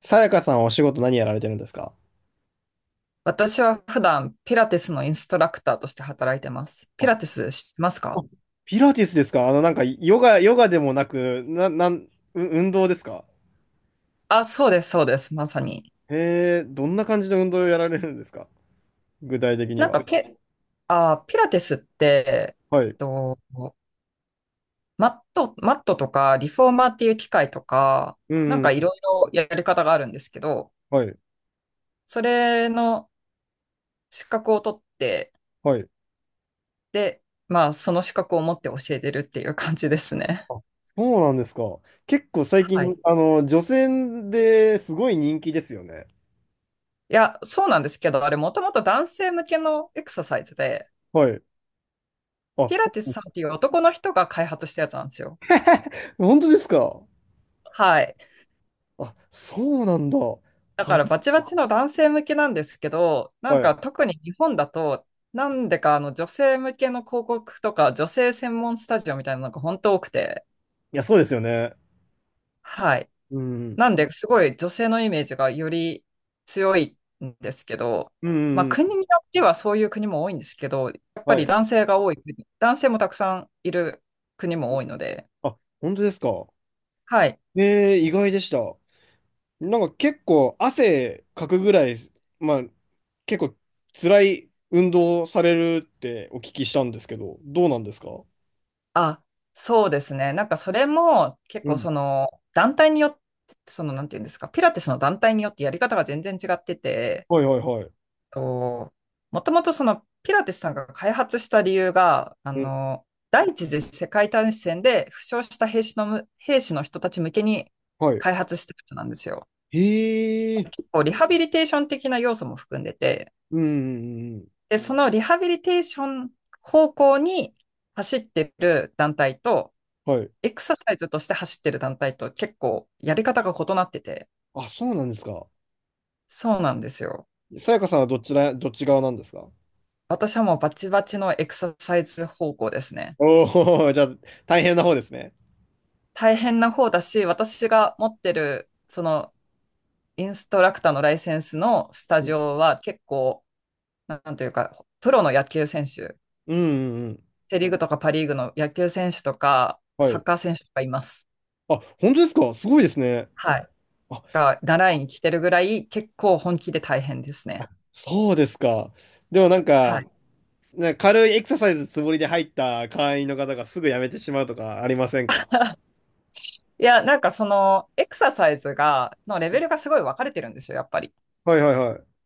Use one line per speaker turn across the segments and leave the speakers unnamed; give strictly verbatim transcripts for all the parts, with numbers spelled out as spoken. さやかさんはお仕事何やられてるんですか？
私は普段ピラティスのインストラクターとして働いてます。ピ
あ。
ラティス知ってますか？
ピラティスですか？あの、なんか、ヨガ、ヨガでもなく、な、なん、う運動ですか？
あ、そうです、そうです、まさに。
へえ、どんな感じの運動をやられるんですか？具体的に
なん
は。
かピ、あ、ピラティスって、
は
えっ
い。
と、マット、マットとかリフォーマーっていう機械とか、
うん、
なん
うん
かい
うん。
ろいろやり方があるんですけど、
はい、
それの資格を取って、
はい。
で、まあその資格を持って教えてるっていう感じですね。
あ、そうなんですか。結構最近、
はい。
あの、女性ですごい人気ですよね。
いや、そうなんですけど、あれもともと男性向けのエクササイズで、
はい。あ、
ピラ
そ
ティス
う。
さんっていう男の人が開発したやつなんですよ。
本当ですか？
はい。
あ、そうなんだ。は
だからバ
い、
チバチの男性向けなんですけど、なん
はい。
か
い
特に日本だと、なんでかあの女性向けの広告とか女性専門スタジオみたいなのが本当多くて、
や、そうですよね。
はい。
うん、うん、
なんですごい女性のイメージがより強いんですけど、
う
まあ
ん、う
国に
ん。
よってはそういう国も多いんですけど、やっぱ
は
り
い。
男性が多い国、男性もたくさんいる国も多いので、
あ、本当ですか？
はい。
ねえー、意外でした。なんか結構汗かくぐらい、まあ、結構辛い運動をされるってお聞きしたんですけど、どうなんですか？
あ、そうですね。なんかそれも結
う
構
ん。
その団体によって、そのなんていうんですか、ピラティスの団体によってやり方が全然違ってて、
はいはいはい。
ともともとそのピラティスさんが開発した理由が、あ
うん。
の、第一次世界大戦で負傷した兵士のむ、兵士の人たち向けに
はい。
開発したやつなんですよ。
へえ。
結構リハビリテーション的な要素も含んでて、
うんうんうん。
で、そのリハビリテーション方向に走ってる団体と、
うん。はい。
エクササイズとして走ってる団体と結構やり方が異なってて、
あ、そうなんですか。
そうなんですよ。
さやかさんはどちら、どっち側なんですか？
私はもうバチバチのエクササイズ方向ですね。
お。おー、じゃあ大変な方ですね。
大変な方だし、私が持ってる、その、インストラクターのライセンスのスタ
う
ジ
ん
オは結構、なんというか、プロの野球選手、
うんうん。うん。
セリーグとかパリーグの野球選手とか、
は
サッ
い。
カー選手とかいます。
あ、本当ですか？すごいですね。
はい。
あ、
が、習いに来てるぐらい、結構本気で大変です
あ
ね。
そうですか。でもなん
は
か、
い。
なんか軽いエクササイズつもりで入った会員の方がすぐ辞めてしまうとかありませんか？
いや、なんかそのエクササイズが、のレベルがすごい分かれてるんですよ、やっぱり。
はいはいはい。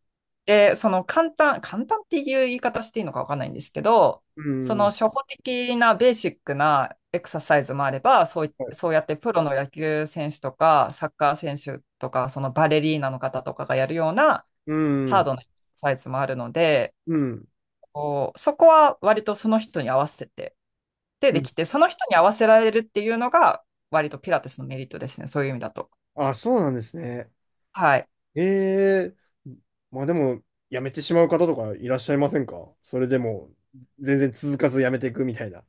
で、その簡単、簡単っていう言い方していいのか分かんないんですけど、
う
そ
ん。
の初
は
歩的なベーシックなエクササイズもあれば、そうい、
い。
そうやってプロの野球選手とか、サッカー選手とか、そのバレリーナの方とかがやるような
う
ハー
ん。
ドなエクササイズもあるので、
うん。
こう、そこは割とその人に合わせて、で、
う
で
ん。
きて、その人に合わせられるっていうのが、割とピラティスのメリットですね、そういう意味だと。
あ、そうなんですね。
はい。
ええ。まあでも、辞めてしまう方とかいらっしゃいませんか？それでも、全然続かず辞めていくみたいな。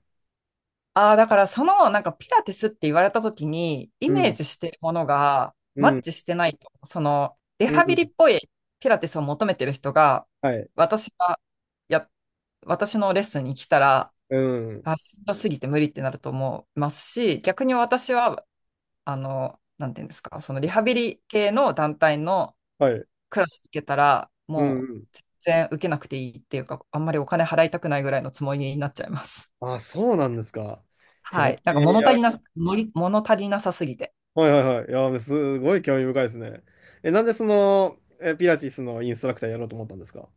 ああ、だからその、なんかピラティスって言われた時に、イ
う
メー
ん。
ジしてるものが
う
マッ
ん。
チしてないと、その、リ
う
ハビリっ
ん。
ぽいピラティスを求めてる人が、
はい。
私が、や、私のレッスンに来たら、
うん。
あ、しんどすぎて無理ってなると思いますし、逆に私は、あの、なんていうんですか、そのリハビリ系の団体の
はい。
クラス行けたら、
うん。
も
うん。
う全然受けなくていいっていうか、あんまりお金払いたくないぐらいのつもりになっちゃいます。
あ、そうなんですか。へ
はい。なんか物足り
え。
な、のり物足りなさすぎて。
はいはいはい。いや、すごい興味深いですね。え、なんでその、え、ピラティスのインストラクターやろうと思ったんですか？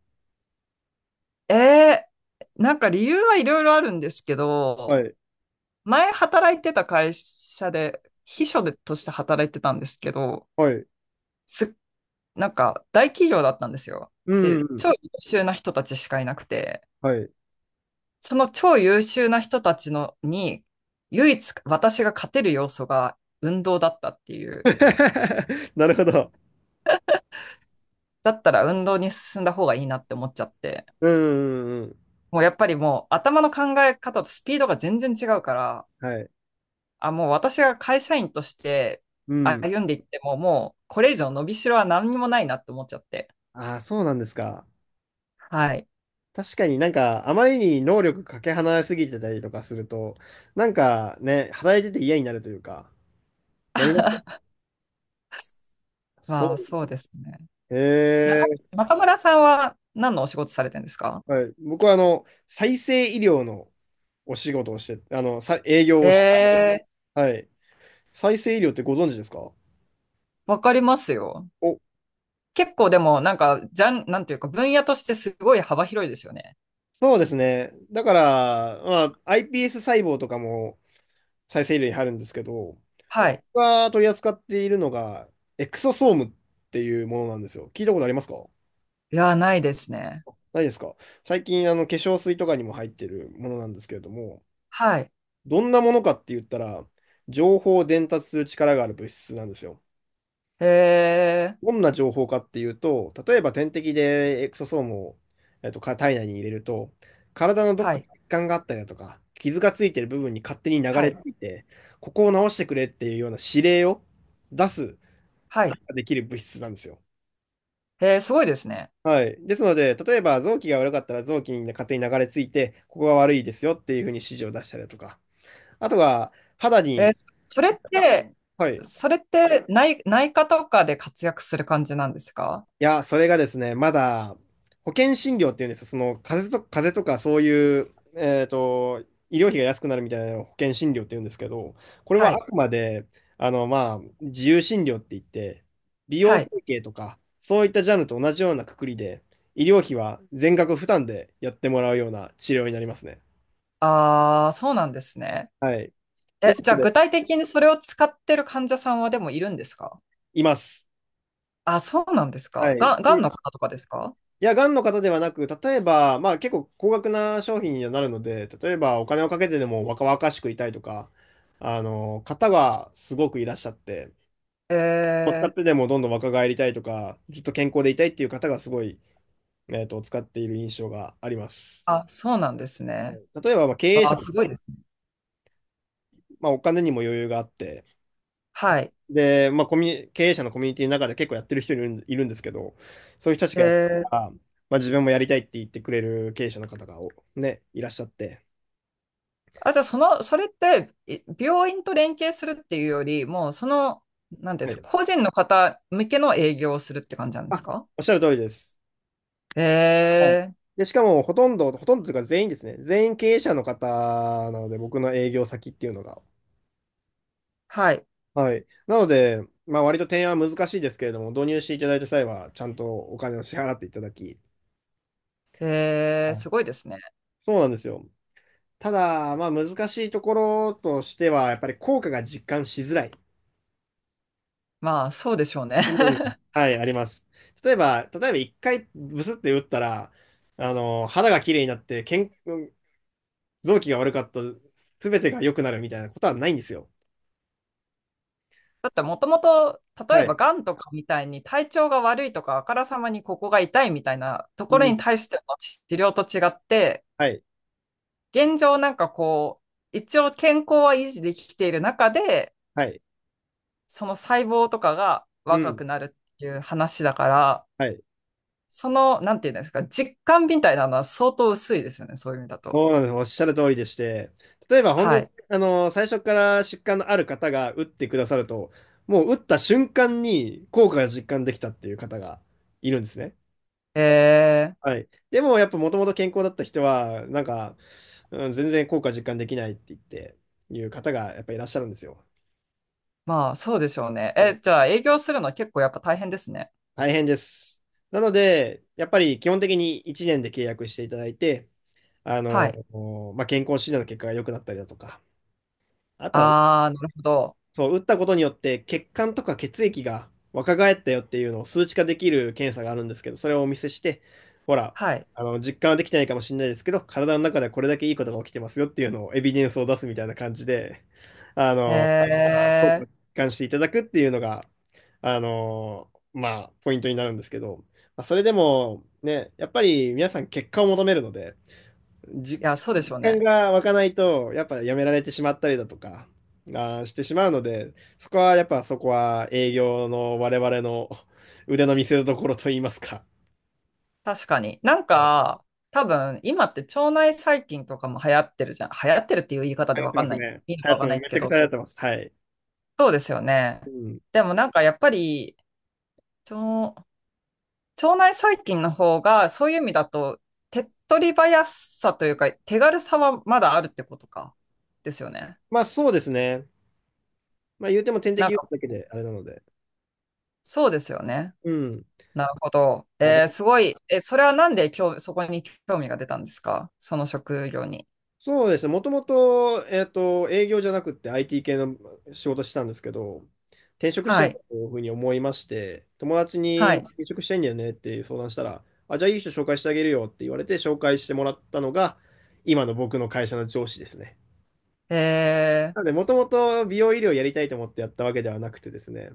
ええなんか理由はいろいろあるんですけ
は
ど、
い。
前働いてた会社で、秘書でとして働いてたんですけど、
はい。
す、なんか大企業だったんですよ。
うん、う
で、
ん。
超優秀な人たちしかいなくて、
はい。
その超優秀な人たちのに、唯一私が勝てる要素が運動だったっていう、
なるほど。
だったら運動に進んだ方がいいなって思っちゃって、
うん、うん、うん。
もうやっぱりもう頭の考え方とスピードが全然違うから、
はい。
あ、もう私が会社員として
うん。
歩んでいっても、もうこれ以上伸びしろは何にもないなって思っちゃって。
ああ、そうなんですか。
はい。
確かになんか、あまりに能力かけ離れすぎてたりとかすると、なんかね、働いてて嫌になるというか、なりますよ。そ
まあそうですね。
う。へ
中、
え。
中村さんは何のお仕事されてるんですか？
はい。僕はあの、再生医療のお仕事をして、あの、さ、営業
え
をして、
えー、
はい。再生医療ってご存知ですか？
わかりますよ。
お。
結構でもなんか、じゃん、なんていうか分野としてすごい幅広いですよね。
そうですね。だから、まあ、iPS 細胞とかも再生医療に入るんですけど、
はい。
僕が取り扱っているのが、エクソソームっていうものなんですよ。聞いたことありますか？
いやー、ないですね。
ないですか？最近、あの、化粧水とかにも入ってるものなんですけれども、
はい。
どんなものかって言ったら、情報を伝達する力がある物質なんですよ。
ええ、
どんな情報かっていうと、例えば点滴でエクソソームを、えっと、か体内に入れると、体のどっ
は
か
い。
に血管があったりだとか、傷がついてる部分に勝手に流
は
れ
い。
ていて、ここを直してくれっていうような指令を出す
はい。
ができる物質なんですよ。
えー、すごいですね。
はい。ですので、例えば臓器が悪かったら臓器に勝手に流れ着いて、ここが悪いですよっていうふうに指示を出したりだとか、あとは肌
えー、
に、
それって、
はい。
それって内、内科とかで活躍する感じなんですか？
いや、それがですね、まだ保険診療っていうんですよ、その風邪と、風邪とかそういう、えーと、医療費が安くなるみたいなのを保険診療っていうんですけど、これ
は
はあ
い。
くまであの、まあ、自由診療って言って、美容
は
整
い。
形とか、そういったジャンルと同じようなくくりで、医療費は全額負担でやってもらうような治療になりますね。
ああ、そうなんですね。
はい。
え、
です
じゃ
の
あ
で、
具体的にそれを使ってる患者さんはでもいるんですか？
います。
あ、そうなんです
は
か。
い。
がん、がんの方とかですか？
いや、がんの方ではなく、例えば、まあ結構高額な商品にはなるので、例えばお金をかけてでも若々しくいたいとか、あの、方がすごくいらっしゃって、
え
使っ
ー、
てでもどんどん若返りたいとか、ずっと健康でいたいっていう方がすごい、えっと、使っている印象があります。
あ、そうなんです
は
ね。
い。例えば、まあ経営
わ
者
あ、
の
すご
方、
いですね。
まあお金にも余裕があって、
はい。
で、まあコミュニ、経営者のコミュニティの中で結構やってる人いるんいるんですけど、そういう人たち
え
がやった
ー、
ら、まあ自分もやりたいって言ってくれる経営者の方がおね、いらっしゃって、
あ、じゃあその、それって、い病院と連携するっていうより、もうその、なんていうんで
は
す
い。
か、個人の方向けの営業をするって感じなんです
あ、
か？
おっしゃる通りです。
へ
はい。
え、
で、しかも、ほとんど、ほとんどというか全員ですね。全員経営者の方なので、僕の営業先っていうのが。
はい。
はい。なので、まあ、割と提案は難しいですけれども、導入していただいた際は、ちゃんとお金を支払っていただき、
へえ、
はい。
すごいですね。
そうなんですよ。ただ、まあ、難しいところとしては、やっぱり効果が実感しづらい
まあ、そうでしょうね。
部分が、はい、あります。例えば、例えば一回ブスって打ったら、あの、肌が綺麗になって、健、臓器が悪かった、すべてが良くなるみたいなことはないんですよ。
だって、もともと、例
は
えば、
い。
がんとかみたいに体調が悪いとか、あからさまにここが痛いみたいなと
う
ころ
ん。
に対しての治治療と違って、
はい。
現状なんかこう、一応健康は維持できている中で、
はい。
その細胞とかが
う
若
ん。
くなるっていう話だから、
はい。
その、なんていうんですか、実感みたいなのは相当薄いですよね、そういう意味だと。
そうなんです。おっしゃる通りでして、例えば本当
は
に、
い。
あの、最初から疾患のある方が打ってくださると、もう打った瞬間に効果が実感できたっていう方がいるんですね。
へえ、
はい。でもやっぱもともと健康だった人は、なんか、うん、全然効果実感できないって言って、いう方がやっぱいらっしゃるんですよ。
まあ、そうでしょうね。
はい。
え、じゃあ、営業するのは結構やっぱ大変ですね。
大変です。なので、やっぱり基本的にいちねんで契約していただいて、あ
は
の、
い。
まあ、健康診断の結果が良くなったりだとか、あとは、
あー、なるほど。
そう、打ったことによって血管とか血液が若返ったよっていうのを数値化できる検査があるんですけど、それをお見せして、ほら、
はい。
あの、実感はできてないかもしれないですけど、体の中ではこれだけいいことが起きてますよっていうのをエビデンスを出すみたいな感じで、あ
へ
の、
え。
願していただくっていうのが、あのーまあ、ポイントになるんですけど、まあ、それでも、ね、やっぱり皆さん結果を求めるので、じ
いや、
実
そうでしょう
感
ね。
が湧かないと、やっぱやめられてしまったりだとか、あーしてしまうので、そこはやっぱそこは営業の我々の腕の見せ所といいますか。
確かに。なん
はい。
か、多分、今って腸内細菌とかも流行ってるじゃん。流行ってるっていう言い方
流
で
行っ
わ
て
か
ま
ん
す
ない。
ね。
いいの
流
か
行
わ
って
かん
ます。
ない
めち
け
ゃくち
ど。
ゃ流行ってます。はい。
そうですよ
う
ね。
ん。
でもなんか、やっぱり、腸、腸内細菌の方が、そういう意味だと、手っ取り早さというか、手軽さはまだあるってことか。ですよね。
まあそうですね。まあ言うても点
な
滴
ん
打つ
か、
だけであれなので。
そうですよね。
うん。
なるほど。
まあ、
えーすごい。え、それはなんで興そこに興味が出たんですかその職業に。
そうですね。もともと、えっと、営業じゃなくて アイティー 系の仕事してたんですけど、転職した
は
いな
い。
というふうに思いまして、友達
は
に
い。
転職したいんだよねっていう相談したら、あ、じゃあいい人紹介してあげるよって言われて紹介してもらったのが、今の僕の会社の上司ですね。
えー、
なので、もともと美容医療やりたいと思ってやったわけではなくてですね、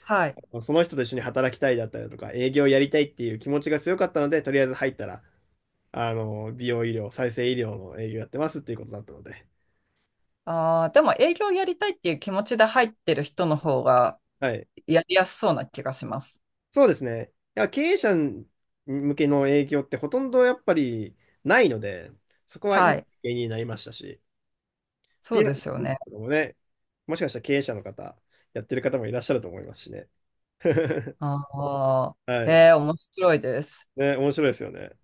はい。
その人と一緒に働きたいだったりだとか、営業やりたいっていう気持ちが強かったので、とりあえず入ったら、あの、美容医療、再生医療の営業やってますっていうことだったので、
あー、でも営業やりたいっていう気持ちで入ってる人の方が
はい。
やりやすそうな気がします。
そうですね。いや、経営者向けの営業ってほとんどやっぱりないので、そこはいい
は
経
い。
験になりましたし、
そ
ピ
う
ラ
で
テ
す
ィ
よ
ス
ね。
とかもね、もしかしたら経営者の方、やってる方もいらっしゃると思いますしね。
ああ、
はい。
へえ、面白いです。
ね、面白いですよね。